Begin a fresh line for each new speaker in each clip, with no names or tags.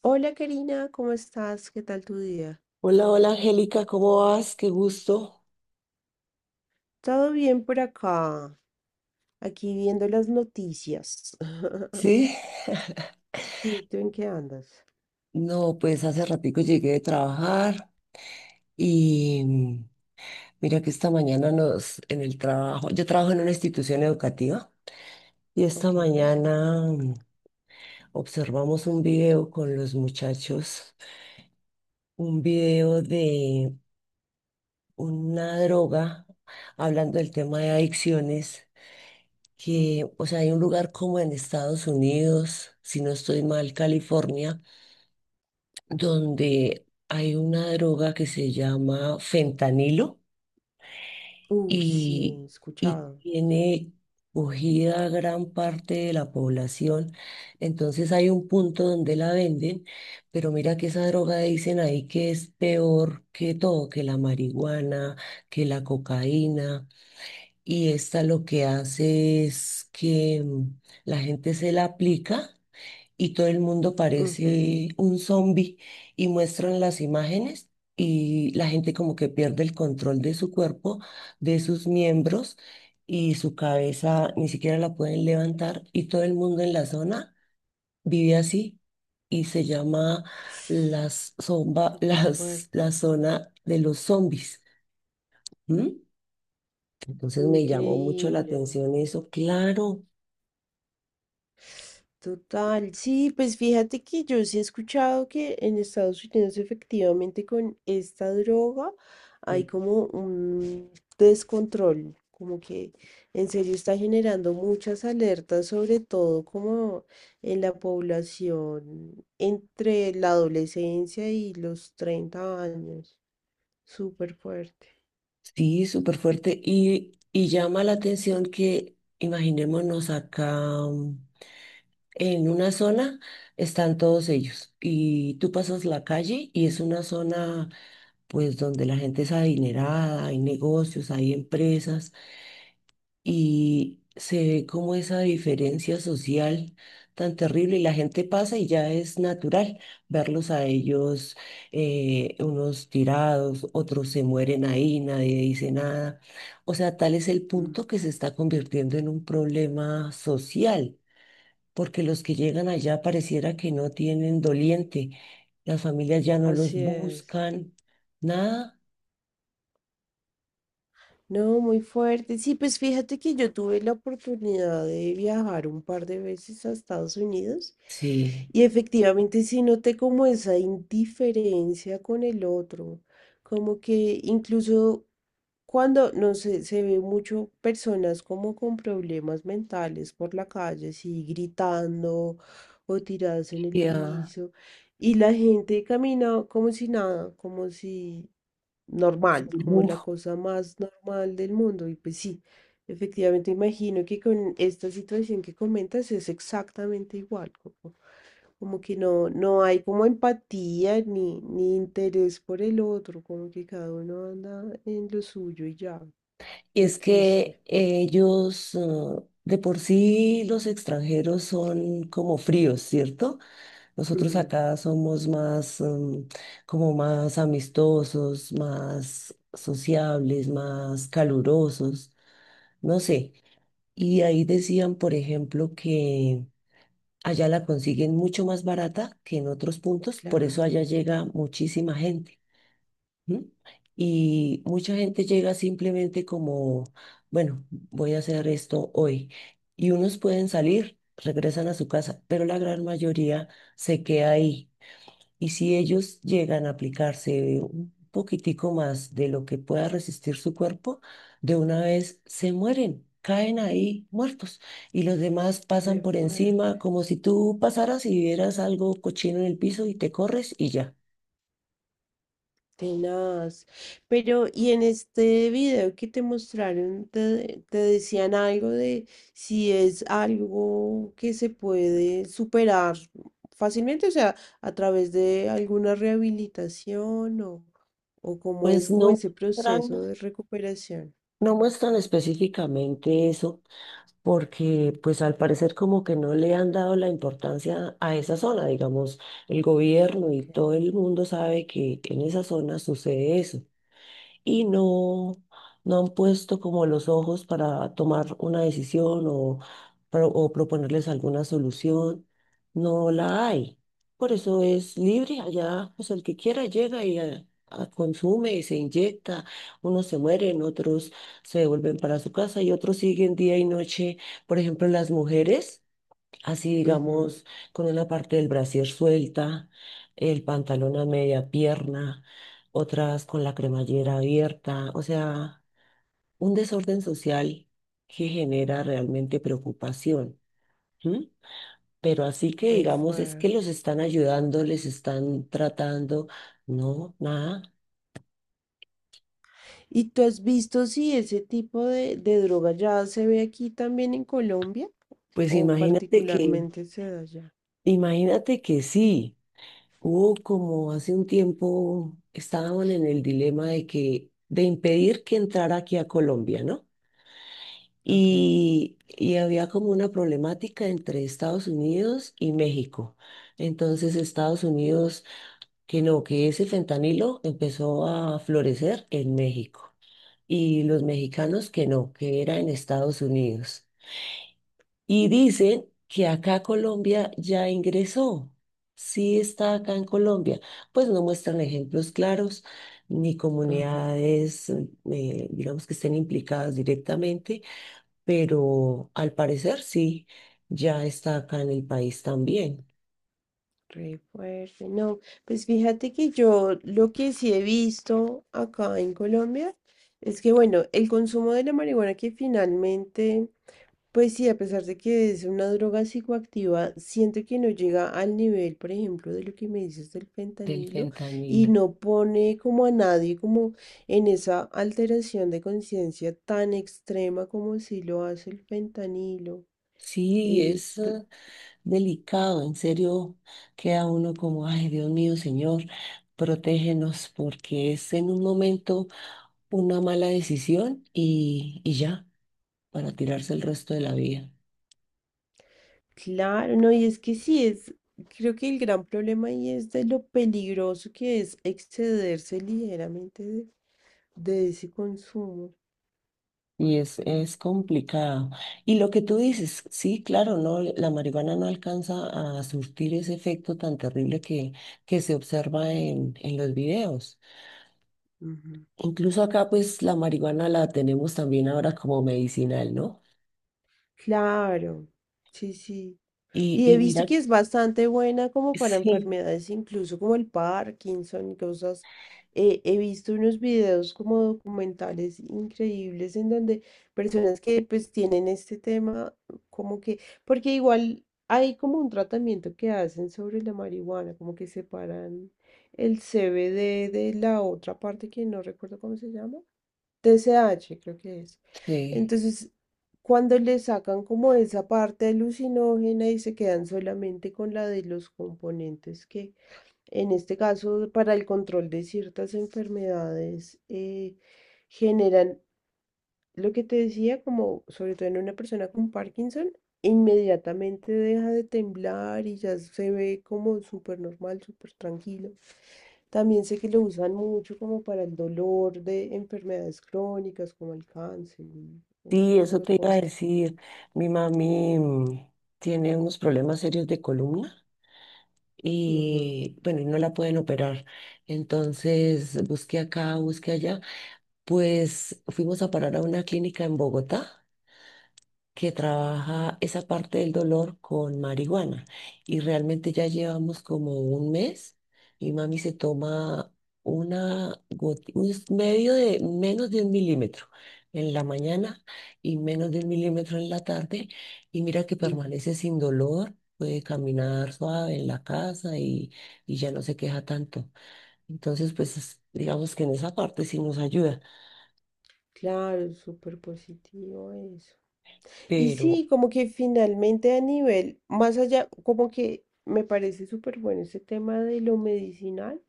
Hola Karina, ¿cómo estás? ¿Qué tal tu día?
Hola, hola Angélica, ¿cómo vas? Qué gusto.
Todo bien por acá, aquí viendo las noticias.
Sí,
Sí, ¿tú en qué andas?
no, pues hace ratico llegué de trabajar y mira que esta mañana en el trabajo, yo trabajo en una institución educativa y esta
Ok.
mañana observamos un video con los muchachos, un video de una droga, hablando del tema de adicciones,
Mm.
que, o sea, hay un lugar como en Estados Unidos, si no estoy mal, California, donde hay una droga que se llama fentanilo
Sí,
y,
he
y
escuchado.
tiene cogida a gran parte de la población. Entonces hay un punto donde la venden, pero mira que esa droga dicen ahí que es peor que todo, que la marihuana, que la cocaína. Y esta lo que hace es que la gente se la aplica y todo el mundo
Ujú.
parece un zombie y muestran las imágenes y la gente como que pierde el control de su cuerpo, de sus miembros, y su cabeza ni siquiera la pueden levantar y todo el mundo en la zona vive así y se llama
Súper fuerte.
la zona de los zombies. ¿M? Entonces me llamó mucho la
Increíble.
atención eso, claro.
Total, sí, pues fíjate que yo sí he escuchado que en Estados Unidos efectivamente con esta droga hay como un descontrol, como que en serio está generando muchas alertas, sobre todo como en la población entre la adolescencia y los 30 años, súper fuerte.
Sí, súper fuerte. Y llama la atención que, imaginémonos acá mm, en una zona, están todos ellos. Y tú pasas la calle y es una zona, pues, donde la gente es adinerada, hay negocios, hay empresas y se ve como esa diferencia social tan terrible, y la gente pasa y ya es natural verlos a ellos, unos tirados, otros se mueren ahí, nadie dice nada. O sea, tal es el
Mm.
punto que se está convirtiendo en un problema social, porque los que llegan allá pareciera que no tienen doliente, las familias ya no los
Así es.
buscan, nada.
No, muy fuerte. Sí, pues fíjate que yo tuve la oportunidad de viajar un par de veces a Estados Unidos
Sí.
y efectivamente sí noté como esa indiferencia con el otro, como que incluso cuando no sé, se ve mucho personas como con problemas mentales por la calle, así gritando o tiradas en el
Ya,
piso, y la gente camina como si nada, como si normal,
sí.
como la cosa más normal del mundo. Y pues sí, efectivamente imagino que con esta situación que comentas es exactamente igual. Como que no, no hay como empatía ni interés por el otro, como que cada uno anda en lo suyo y ya,
Y
muy
es
triste.
que ellos, de por sí, los extranjeros son como fríos, ¿cierto? Nosotros
Ujú.
acá somos más, como más amistosos, más sociables, más calurosos, no sé. Y ahí decían, por ejemplo, que allá la consiguen mucho más barata que en otros puntos, por eso allá
Claro.
llega muchísima gente. ¿Mm? Y mucha gente llega simplemente como, bueno, voy a hacer esto hoy. Y unos pueden salir, regresan a su casa, pero la gran mayoría se queda ahí. Y si ellos llegan a aplicarse un poquitico más de lo que pueda resistir su cuerpo, de una vez se mueren. Caen ahí muertos y los demás pasan
Re
por
fuerte.
encima como si tú pasaras y vieras algo cochino en el piso y te corres y ya.
Tenaz. Pero, ¿y en este video que te mostraron, te decían algo de si es algo que se puede superar fácilmente, o sea, a través de alguna rehabilitación o cómo
Pues
es como ese
muestran
proceso de recuperación?
No muestran específicamente eso, porque pues al parecer como que no le han dado la importancia a esa zona, digamos, el gobierno y
Ok.
todo el mundo sabe que en esa zona sucede eso y no, no han puesto como los ojos para tomar una decisión o, o proponerles alguna solución. No la hay. Por eso es libre allá, pues el que quiera llega y consume y se inyecta. Unos se mueren, otros se vuelven para su casa y otros siguen día y noche. Por ejemplo, las mujeres así
Ujú.
digamos, con una parte del brasier suelta, el pantalón a media pierna, otras con la cremallera abierta, o sea, un desorden social que genera realmente preocupación. ¿M? Pero así que
Muy
digamos, es que los
fuerte.
están ayudando, les están tratando, no, nada.
¿Y tú has visto si ese tipo de droga ya se ve aquí también en Colombia
Pues
o
imagínate que,
particularmente se da allá?
imagínate que sí. Hubo como hace un tiempo estaban en el dilema de que de impedir que entrara aquí a Colombia, ¿no?
Ok.
Y había como una problemática entre Estados Unidos y México. Entonces Estados Unidos, que no, que ese fentanilo empezó a florecer en México. Y los mexicanos que no, que era en Estados Unidos. Y dicen que acá Colombia ya ingresó, sí está acá en Colombia. Pues no muestran ejemplos claros ni
Ajá.
comunidades, digamos, que estén implicadas directamente, pero al parecer sí, ya está acá en el país también
Re fuerte. No, pues fíjate que yo lo que sí he visto acá en Colombia es que, bueno, el consumo de la marihuana que finalmente, pues sí, a pesar de que es una droga psicoactiva, siento que no llega al nivel, por ejemplo, de lo que me dices del
del
fentanilo y
fentanilo.
no pone como a nadie como en esa alteración de conciencia tan extrema como si lo hace el fentanilo.
Sí,
Eh,
es delicado, en serio, queda uno como, ay, Dios mío, Señor, protégenos, porque es en un momento una mala decisión y ya, para tirarse el resto de la vida.
Claro, no, y es que sí, es, creo que el gran problema ahí es de lo peligroso que es excederse ligeramente de ese consumo.
Y es complicado. Y lo que tú dices, sí, claro, no, la marihuana no alcanza a surtir ese efecto tan terrible que se observa en los videos.
Ujú.
Incluso acá, pues, la marihuana la tenemos también ahora como medicinal, ¿no?
Claro, sí, sí.
Y,
Y he
y
visto
mira,
que es bastante buena como para
sí,
enfermedades, incluso como el Parkinson y cosas. He visto unos videos como documentales increíbles en donde personas que pues tienen este tema, como que, porque igual hay como un tratamiento que hacen sobre la marihuana, como que separan el CBD de la otra parte que no recuerdo cómo se llama. TCH, creo que es.
sí,
Entonces, cuando le sacan como esa parte alucinógena y se quedan solamente con la de los componentes que, en este caso, para el control de ciertas enfermedades, generan lo que te decía, como sobre todo en una persona con Parkinson, inmediatamente deja de temblar y ya se ve como súper normal, súper tranquilo. También sé que lo usan mucho como para el dolor de enfermedades crónicas como el cáncer, y ese
sí, eso
tipo de
te iba a
cosas.
decir. Mi mami tiene unos problemas serios de columna.
Ujú,
Y bueno, y no la pueden operar. Entonces busqué acá, busqué allá. Pues fuimos a parar a una clínica en Bogotá que trabaja esa parte del dolor con marihuana. Y realmente ya llevamos como un mes y mami se toma una goti- un s- medio de menos de un milímetro en la mañana y menos de un milímetro en la tarde. Y mira que
ujú.
permanece sin dolor, puede caminar suave en la casa y ya no se queja tanto. Entonces, pues digamos que en esa parte sí nos ayuda.
Claro, es súper positivo eso. Y
Pero
sí, como que finalmente a nivel, más allá, como que me parece súper bueno ese tema de lo medicinal.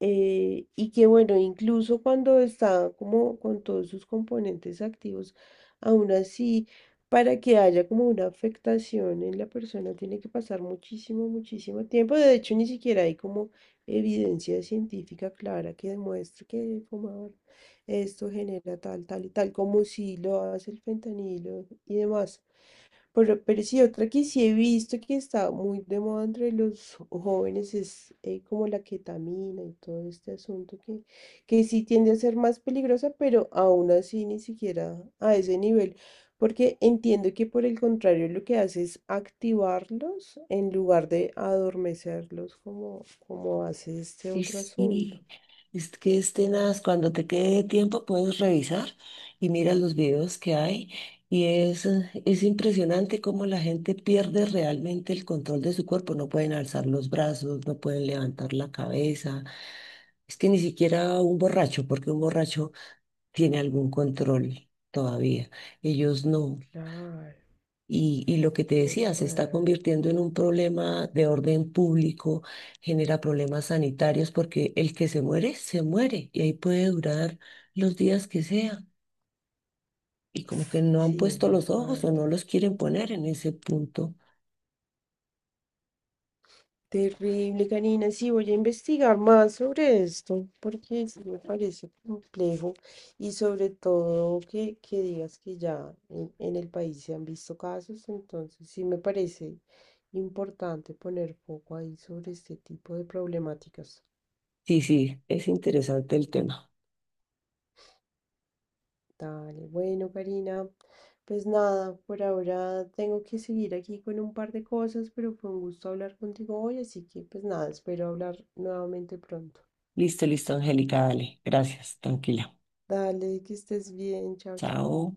Y que bueno, incluso cuando está como con todos sus componentes activos, aún así, para que haya como una afectación en la persona, tiene que pasar muchísimo, muchísimo tiempo. De hecho, ni siquiera hay como evidencia científica clara que demuestre que fumar esto genera tal, tal y tal, como si lo hace el fentanilo y demás. Pero sí, otra que sí he visto que está muy de moda entre los jóvenes es como la ketamina y todo este asunto que sí tiende a ser más peligrosa, pero aún así ni siquiera a ese nivel, porque entiendo que por el contrario lo que hace es activarlos en lugar de adormecerlos como hace este
Y
otro asunto.
sí, es que es tenaz. Cuando te quede tiempo puedes revisar y mira los videos que hay. Y es impresionante cómo la gente pierde realmente el control de su cuerpo. No pueden alzar los brazos, no pueden levantar la cabeza. Es que ni siquiera un borracho, porque un borracho tiene algún control todavía. Ellos no.
Claro,
Y lo que te
qué
decía, se está
fuerte.
convirtiendo en un problema de orden público, genera problemas sanitarios, porque el que se muere, y ahí puede durar los días que sea. Y como que no han
Sí,
puesto
muy
los ojos o no
fuerte.
los quieren poner en ese punto.
Terrible, Karina. Sí, voy a investigar más sobre esto, porque sí me parece complejo y sobre todo que digas que ya en el país se han visto casos, entonces sí me parece importante poner foco ahí sobre este tipo de problemáticas.
Sí, sí, es interesante el tema.
Dale, bueno, Karina, pues nada, por ahora tengo que seguir aquí con un par de cosas, pero fue un gusto hablar contigo hoy, así que pues nada, espero hablar nuevamente pronto.
Listo, listo, Angélica, dale. Gracias, tranquila.
Dale, que estés bien. Chao, chao.
Chao.